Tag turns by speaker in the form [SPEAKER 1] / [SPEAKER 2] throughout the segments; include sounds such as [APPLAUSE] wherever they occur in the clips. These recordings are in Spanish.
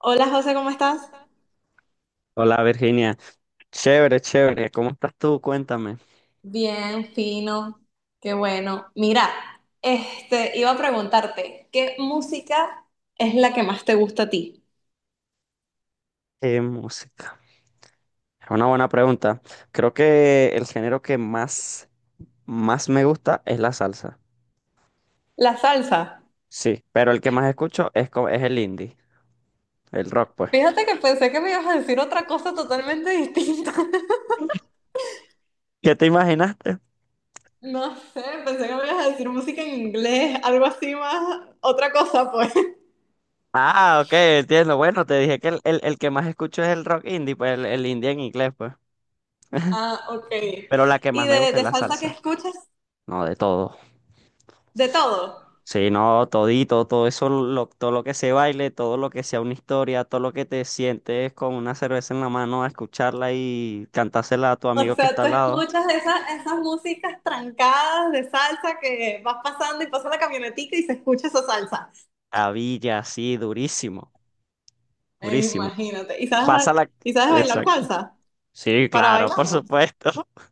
[SPEAKER 1] Hola José, ¿cómo estás?
[SPEAKER 2] Hola Virginia, chévere, chévere, ¿cómo estás tú? Cuéntame.
[SPEAKER 1] Bien, fino, qué bueno. Mira, iba a preguntarte, ¿qué música es la que más te gusta a ti?
[SPEAKER 2] ¿Qué música? Es una buena pregunta. Creo que el género que más me gusta es la salsa.
[SPEAKER 1] La salsa.
[SPEAKER 2] Sí, pero el que más escucho es el indie, el rock, pues.
[SPEAKER 1] Fíjate que pensé que me ibas a decir otra cosa totalmente distinta. [LAUGHS]
[SPEAKER 2] ¿Qué te imaginaste?
[SPEAKER 1] No sé, pensé que me ibas a decir música en inglés, algo así más, otra cosa pues. [LAUGHS]
[SPEAKER 2] Ah, ok, entiendo. Bueno, te dije que el que más escucho es el rock indie, pues el indie en inglés, pues.
[SPEAKER 1] Ah, ok.
[SPEAKER 2] Pero la que
[SPEAKER 1] ¿Y
[SPEAKER 2] más me
[SPEAKER 1] de,
[SPEAKER 2] gusta es
[SPEAKER 1] de
[SPEAKER 2] la
[SPEAKER 1] salsa qué
[SPEAKER 2] salsa.
[SPEAKER 1] escuchas?
[SPEAKER 2] No, de todo.
[SPEAKER 1] ¿De todo?
[SPEAKER 2] Sí, no, todito, todo eso, todo lo que se baile, todo lo que sea una historia, todo lo que te sientes con una cerveza en la mano a escucharla y cantársela a tu
[SPEAKER 1] O
[SPEAKER 2] amigo que
[SPEAKER 1] sea,
[SPEAKER 2] está
[SPEAKER 1] tú
[SPEAKER 2] al lado.
[SPEAKER 1] escuchas esas, esas músicas trancadas de salsa que vas pasando y pasa la camionetica y se escucha esa salsa.
[SPEAKER 2] A Villa, sí, durísimo, durísimo.
[SPEAKER 1] Imagínate. ¿Y sabes,
[SPEAKER 2] Pásala.
[SPEAKER 1] y sabes bailar
[SPEAKER 2] Exacto.
[SPEAKER 1] salsa?
[SPEAKER 2] Sí,
[SPEAKER 1] ¿Para
[SPEAKER 2] claro, por
[SPEAKER 1] bailarla?
[SPEAKER 2] supuesto. [LAUGHS]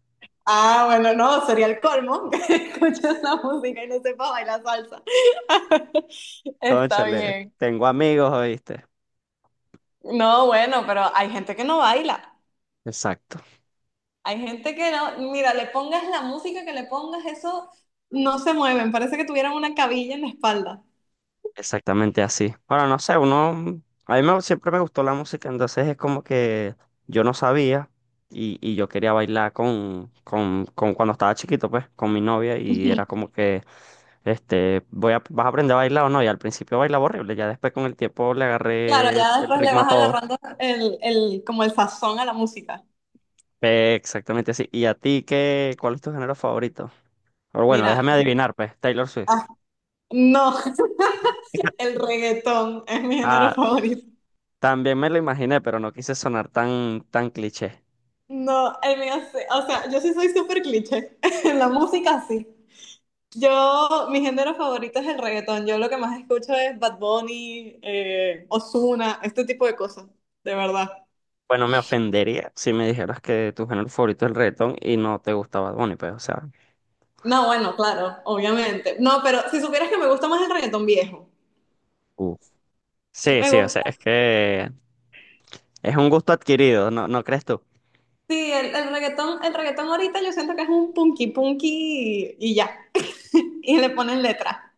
[SPEAKER 1] Ah, bueno, no, sería el colmo [LAUGHS] que escuches la música y no sepas bailar salsa. [LAUGHS] Está
[SPEAKER 2] Cónchale,
[SPEAKER 1] bien.
[SPEAKER 2] tengo amigos, ¿oíste?
[SPEAKER 1] No, bueno, pero hay gente que no baila.
[SPEAKER 2] Exacto.
[SPEAKER 1] Hay gente que no, mira, le pongas la música que le pongas, eso no se mueven. Parece que tuvieran una cabilla en la espalda.
[SPEAKER 2] Exactamente así. Ahora, no sé, uno, a mí siempre me gustó la música, entonces es como que yo no sabía y yo quería bailar con cuando estaba chiquito, pues, con mi novia y era como que, vas a aprender a bailar o no, y al principio bailaba horrible, ya después con el tiempo le
[SPEAKER 1] Claro,
[SPEAKER 2] agarré
[SPEAKER 1] ya
[SPEAKER 2] el
[SPEAKER 1] después le
[SPEAKER 2] ritmo a
[SPEAKER 1] vas
[SPEAKER 2] todo.
[SPEAKER 1] agarrando como el sazón a la música.
[SPEAKER 2] Exactamente así. ¿Y a ti qué, cuál es tu género favorito? Pero bueno,
[SPEAKER 1] Mira,
[SPEAKER 2] déjame adivinar, pues, Taylor Swift.
[SPEAKER 1] ah, no, [LAUGHS]
[SPEAKER 2] [LAUGHS]
[SPEAKER 1] el reggaetón es mi género
[SPEAKER 2] Ah,
[SPEAKER 1] favorito.
[SPEAKER 2] también me lo imaginé, pero no quise sonar tan, tan cliché.
[SPEAKER 1] No, el mío, sí, o sea, yo sí soy súper cliché. [LAUGHS] En la música sí. Yo, mi género favorito es el reggaetón. Yo lo que más escucho es Bad Bunny, Ozuna, este tipo de cosas, de verdad.
[SPEAKER 2] Bueno, me ofendería si me dijeras que tu género favorito es el reggaetón y no te gustaba Bad Bunny, pues, o sea.
[SPEAKER 1] No, bueno, claro, obviamente. No, pero si supieras que me gusta más el reggaetón viejo.
[SPEAKER 2] Uf. Sí,
[SPEAKER 1] Me
[SPEAKER 2] sí, o sea,
[SPEAKER 1] gusta
[SPEAKER 2] es que es un gusto adquirido, ¿no, no crees tú?
[SPEAKER 1] sí, el reggaetón, el reggaetón ahorita yo siento que es un punky punky y ya. [LAUGHS] Y le ponen letra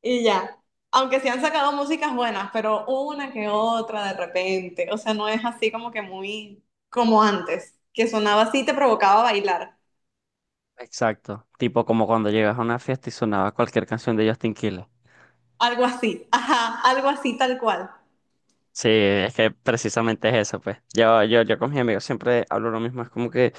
[SPEAKER 1] y ya. Aunque sí han sacado músicas buenas, pero una que otra de repente. O sea, no es así como que muy como antes, que sonaba así, y te provocaba bailar.
[SPEAKER 2] Exacto, tipo como cuando llegas a una fiesta y sonaba cualquier canción de Justin Quiles.
[SPEAKER 1] Algo así, ajá, algo así tal cual.
[SPEAKER 2] Sí, es que precisamente es eso, pues. Yo con mis amigos siempre hablo lo mismo, es como que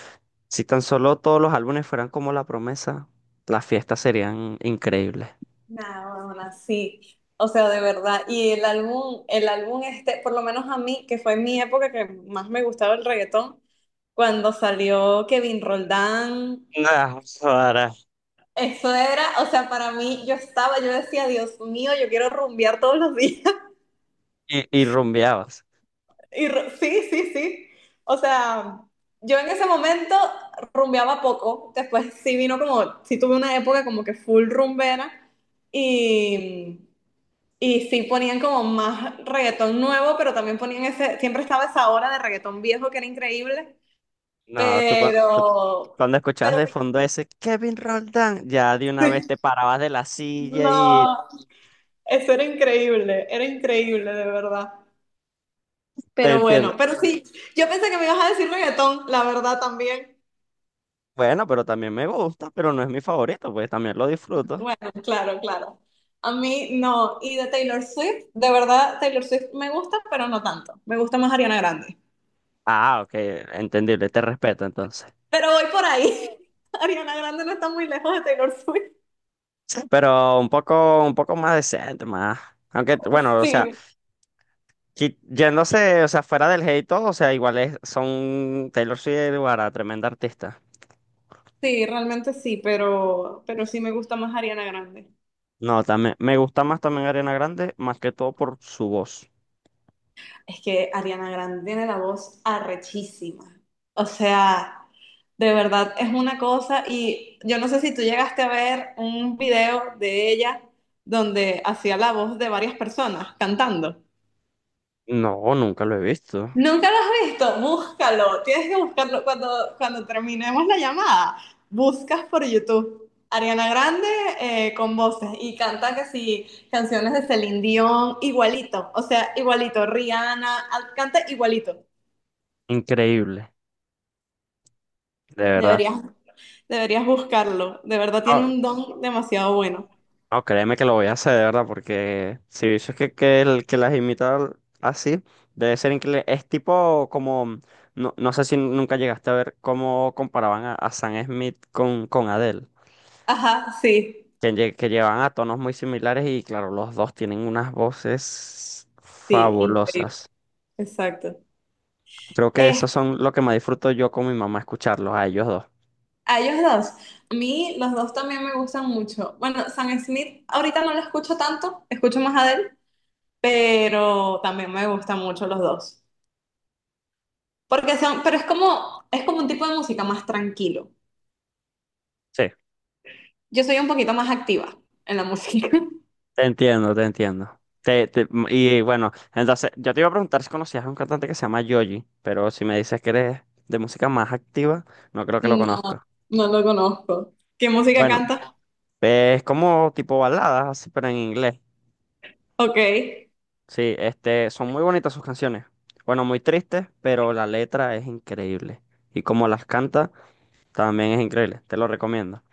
[SPEAKER 2] si tan solo todos los álbumes fueran como La Promesa, las fiestas serían increíbles.
[SPEAKER 1] Nada, bueno, sí. O sea, de verdad. Y el álbum este, por lo menos a mí, que fue mi época que más me gustaba el reggaetón, cuando salió Kevin Roldán,
[SPEAKER 2] [LAUGHS] Nada. Ahora.
[SPEAKER 1] eso era, o sea, para mí yo estaba, yo decía, Dios mío, yo quiero rumbear todos los días. [LAUGHS]
[SPEAKER 2] Y rumbeabas.
[SPEAKER 1] Y sí, sí, sí. O sea, yo en ese momento rumbeaba poco, después sí vino como, sí tuve una época como que full rumbera. Y y sí ponían como más reggaetón nuevo, pero también ponían ese, siempre estaba esa hora de reggaetón viejo que era increíble,
[SPEAKER 2] No, tú, cua- tú cu-
[SPEAKER 1] pero,
[SPEAKER 2] cuando escuchabas
[SPEAKER 1] pero
[SPEAKER 2] de fondo ese Kevin Roldán, ya de una vez
[SPEAKER 1] sí,
[SPEAKER 2] te parabas de la silla
[SPEAKER 1] no,
[SPEAKER 2] y
[SPEAKER 1] eso era increíble de verdad.
[SPEAKER 2] te
[SPEAKER 1] Pero
[SPEAKER 2] entiendo.
[SPEAKER 1] bueno, pero sí, yo pensé que me ibas a decir reggaetón, la verdad también.
[SPEAKER 2] Bueno, pero también me gusta, pero no es mi favorito, pues también lo disfruto.
[SPEAKER 1] Bueno, claro, claro. A mí no, y de Taylor Swift, de verdad Taylor Swift me gusta, pero no tanto. Me gusta más Ariana Grande.
[SPEAKER 2] Ah, ok, entendible, te respeto entonces.
[SPEAKER 1] Pero voy por ahí. [LAUGHS] Ariana Grande no está muy lejos de Taylor Swift.
[SPEAKER 2] Sí, pero un poco más decente, más. Aunque, bueno, o sea,
[SPEAKER 1] Sí,
[SPEAKER 2] yéndose, o sea, fuera del hate y todo, o sea, son Taylor Swift y Guara, tremenda artista.
[SPEAKER 1] sí, realmente sí, pero sí me gusta más Ariana Grande.
[SPEAKER 2] No, también, me gusta más también Ariana Grande, más que todo por su voz.
[SPEAKER 1] Es que Ariana Grande tiene la voz arrechísima. O sea, de verdad es una cosa y yo no sé si tú llegaste a ver un video de ella donde hacía la voz de varias personas cantando.
[SPEAKER 2] No, nunca lo he visto.
[SPEAKER 1] ¿Nunca lo has visto? Búscalo. Tienes que buscarlo cuando terminemos la llamada. Buscas por YouTube. Ariana Grande con voces y canta que sí, canciones de Celine Dion, igualito, o sea, igualito, Rihanna, canta igualito.
[SPEAKER 2] Increíble, de verdad.
[SPEAKER 1] Deberías, deberías buscarlo, de verdad tiene
[SPEAKER 2] No,
[SPEAKER 1] un don demasiado bueno.
[SPEAKER 2] no, créeme que lo voy a hacer, de verdad, porque si eso es que las imita así, debe ser increíble. Es tipo como, no, no sé si nunca llegaste a ver cómo comparaban a Sam Smith con Adele,
[SPEAKER 1] Ajá, sí,
[SPEAKER 2] que llevan a tonos muy similares y claro, los dos tienen unas voces
[SPEAKER 1] sí, increíble,
[SPEAKER 2] fabulosas.
[SPEAKER 1] exacto.
[SPEAKER 2] Creo que esos
[SPEAKER 1] Este,
[SPEAKER 2] son lo que más disfruto yo con mi mamá escucharlos, a ellos dos.
[SPEAKER 1] a ellos dos. A mí los dos también me gustan mucho. Bueno, Sam Smith ahorita no lo escucho tanto, escucho más a Adele, pero también me gustan mucho los dos. Porque son, pero es como un tipo de música más tranquilo.
[SPEAKER 2] Sí.
[SPEAKER 1] Yo soy un poquito más activa en la música. [LAUGHS]
[SPEAKER 2] Te entiendo, te entiendo. Y bueno, entonces yo te iba a preguntar si conocías a un cantante que se llama Yoji, pero si me dices que eres de música más activa, no creo que lo
[SPEAKER 1] No,
[SPEAKER 2] conozca.
[SPEAKER 1] no lo conozco. ¿Qué música
[SPEAKER 2] Bueno,
[SPEAKER 1] canta?
[SPEAKER 2] es como tipo baladas, así, pero en inglés.
[SPEAKER 1] Ok,
[SPEAKER 2] Sí, son muy bonitas sus canciones. Bueno, muy tristes, pero la letra es increíble. Y como las canta, también es increíble. Te lo recomiendo.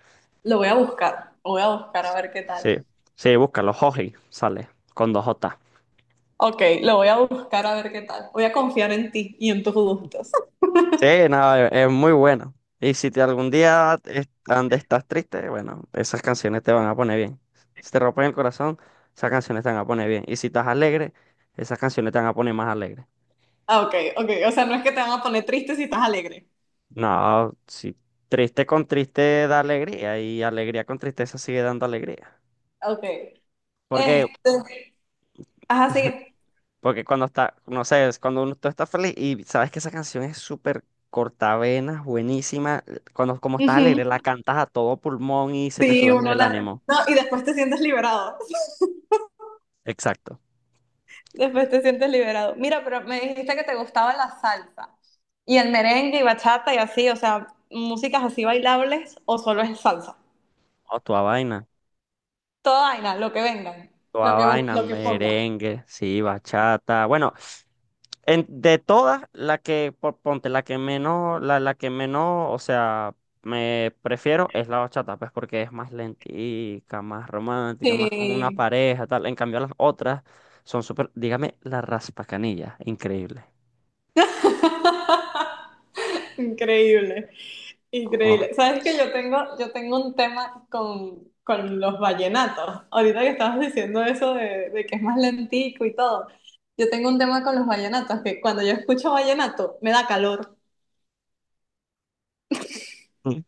[SPEAKER 1] lo voy a buscar. Lo voy a buscar a ver qué tal.
[SPEAKER 2] Sí, sí, búscalo, Joji, sale, con dos J.
[SPEAKER 1] Ok, lo voy a buscar a ver qué tal. Voy a confiar en ti y en tus gustos. [LAUGHS]
[SPEAKER 2] Sí, no, es muy bueno. Y si te algún día estás triste, bueno, esas canciones te van a poner bien. Si te rompen el corazón, esas canciones te van a poner bien. Y si estás alegre, esas canciones te van a poner más alegre.
[SPEAKER 1] Ah, ok, ok. O sea, no es que te van a poner triste si estás alegre.
[SPEAKER 2] No, si triste con triste da alegría y alegría con tristeza sigue dando alegría.
[SPEAKER 1] Ok.
[SPEAKER 2] Porque,
[SPEAKER 1] Este, ajá, sigue.
[SPEAKER 2] Porque cuando está, no sé, es cuando uno, tú estás feliz y sabes que esa canción es súper cortavenas, buenísima, cuando como estás alegre
[SPEAKER 1] Ujú.
[SPEAKER 2] la cantas a todo pulmón y se te
[SPEAKER 1] Sí,
[SPEAKER 2] sube más
[SPEAKER 1] uno
[SPEAKER 2] el
[SPEAKER 1] la...
[SPEAKER 2] ánimo.
[SPEAKER 1] No, y después te sientes liberado. [LAUGHS]
[SPEAKER 2] Exacto.
[SPEAKER 1] Después te sientes liberado. Mira, pero me dijiste que te gustaba la salsa y el merengue y bachata y así, o sea, músicas así bailables o solo es salsa.
[SPEAKER 2] Oh,
[SPEAKER 1] Toda vaina, lo que vengan,
[SPEAKER 2] toda vaina,
[SPEAKER 1] lo que ponga.
[SPEAKER 2] merengue, sí, bachata. Bueno, en, de todas, la que, po- ponte, la que menos, la que menos, o sea, me prefiero es la bachata, pues porque es más lentica, más romántica, más como una
[SPEAKER 1] Sí.
[SPEAKER 2] pareja, tal. En cambio, las otras son súper, dígame, la raspacanilla, increíble.
[SPEAKER 1] [LAUGHS] Increíble.
[SPEAKER 2] Oh,
[SPEAKER 1] Increíble.
[SPEAKER 2] [LAUGHS]
[SPEAKER 1] Sabes que yo tengo un tema con los vallenatos. Ahorita que estabas diciendo eso de que es más lentico y todo. Yo tengo un tema con los vallenatos, que cuando yo escucho vallenato me da calor.
[SPEAKER 2] Mm.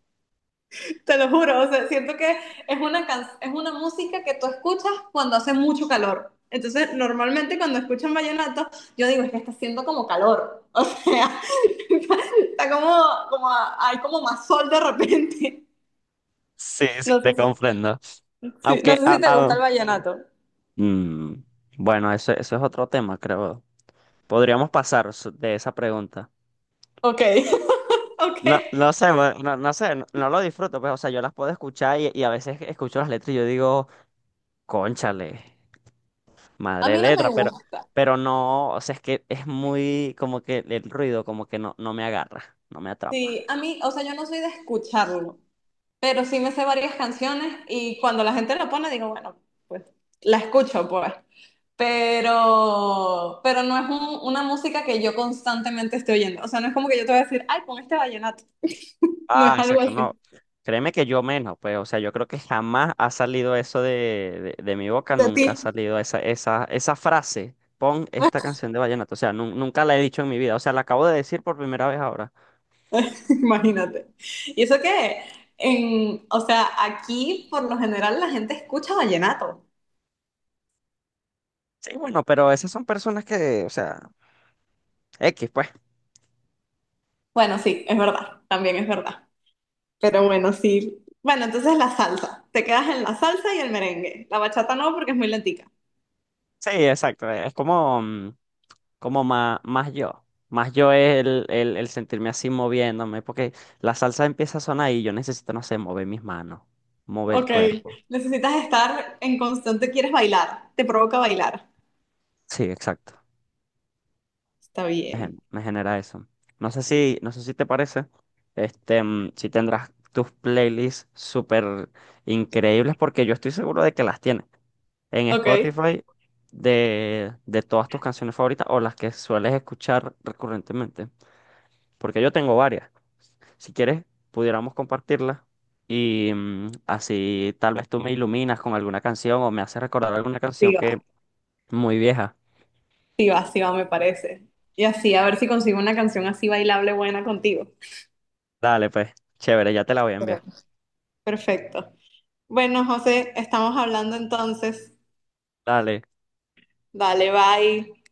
[SPEAKER 1] [LAUGHS] Te lo juro. O sea, siento que es una es una música que tú escuchas cuando hace mucho calor. Entonces, normalmente cuando escuchan vallenato, yo digo, es que está haciendo como calor. [LAUGHS] O sea, [LAUGHS] está como, como, hay como más sol de repente. [LAUGHS]
[SPEAKER 2] Sí, sí,
[SPEAKER 1] No sé
[SPEAKER 2] te
[SPEAKER 1] si,
[SPEAKER 2] comprendo.
[SPEAKER 1] sí, no
[SPEAKER 2] Aunque,
[SPEAKER 1] sé si te gusta el vallenato.
[SPEAKER 2] mm, bueno, eso es otro tema, creo. Podríamos pasar de esa pregunta.
[SPEAKER 1] Ok. [LAUGHS] Ok.
[SPEAKER 2] No, no sé, bueno, no, no sé, no, no lo disfruto, pues, o sea, yo las puedo escuchar y a veces escucho las letras y yo digo, cónchale,
[SPEAKER 1] A
[SPEAKER 2] madre de
[SPEAKER 1] mí no me
[SPEAKER 2] letra, pero,
[SPEAKER 1] gusta.
[SPEAKER 2] pero no, o sea, es que es muy como que el ruido como que no, no me agarra, no me atrapa.
[SPEAKER 1] Sí, a mí, o sea, yo no soy de escucharlo, pero sí me sé varias canciones y cuando la gente lo pone digo, bueno, pues la escucho, pues. Pero no es una música que yo constantemente esté oyendo. O sea, no es como que yo te voy a decir, ay, pon este vallenato. [LAUGHS] No
[SPEAKER 2] Ah,
[SPEAKER 1] es algo
[SPEAKER 2] exacto, no,
[SPEAKER 1] así.
[SPEAKER 2] créeme que yo menos, pues, o sea, yo creo que jamás ha salido eso de mi boca,
[SPEAKER 1] De ti,
[SPEAKER 2] nunca ha salido esa frase, pon esta canción de vallenato, o sea, nunca la he dicho en mi vida, o sea, la acabo de decir por primera vez ahora.
[SPEAKER 1] [LAUGHS] imagínate. Y eso que, en, o sea, aquí por lo general la gente escucha vallenato.
[SPEAKER 2] Sí, bueno, pero esas son personas que, o sea, X, pues.
[SPEAKER 1] Bueno, sí, es verdad, también es verdad. Pero bueno, sí. Bueno, entonces la salsa. Te quedas en la salsa y el merengue. La bachata no, porque es muy lentica.
[SPEAKER 2] Sí, exacto. Es como, como más, más yo. Más yo es el sentirme así moviéndome, porque la salsa empieza a sonar y yo necesito, no sé, mover mis manos, mover el
[SPEAKER 1] Ok.
[SPEAKER 2] cuerpo.
[SPEAKER 1] Necesitas estar en constante, quieres bailar. Te provoca bailar.
[SPEAKER 2] Sí, exacto.
[SPEAKER 1] Está
[SPEAKER 2] Me, gen-
[SPEAKER 1] bien.
[SPEAKER 2] me genera eso. No sé si te parece, si tendrás tus playlists súper increíbles, porque yo estoy seguro de que las tienes en
[SPEAKER 1] Ok.
[SPEAKER 2] Spotify de todas tus canciones favoritas o las que sueles escuchar recurrentemente, porque yo tengo varias. Si quieres, pudiéramos compartirla y así tal vez tú me iluminas con alguna canción o me haces recordar alguna
[SPEAKER 1] Sí
[SPEAKER 2] canción
[SPEAKER 1] va,
[SPEAKER 2] que muy vieja.
[SPEAKER 1] sí va, sí va, me parece. Y así, a ver si consigo una canción así bailable buena contigo.
[SPEAKER 2] Dale, pues, chévere, ya te la voy a enviar.
[SPEAKER 1] Sí. Perfecto. Bueno, José, estamos hablando entonces.
[SPEAKER 2] Dale.
[SPEAKER 1] Dale, bye.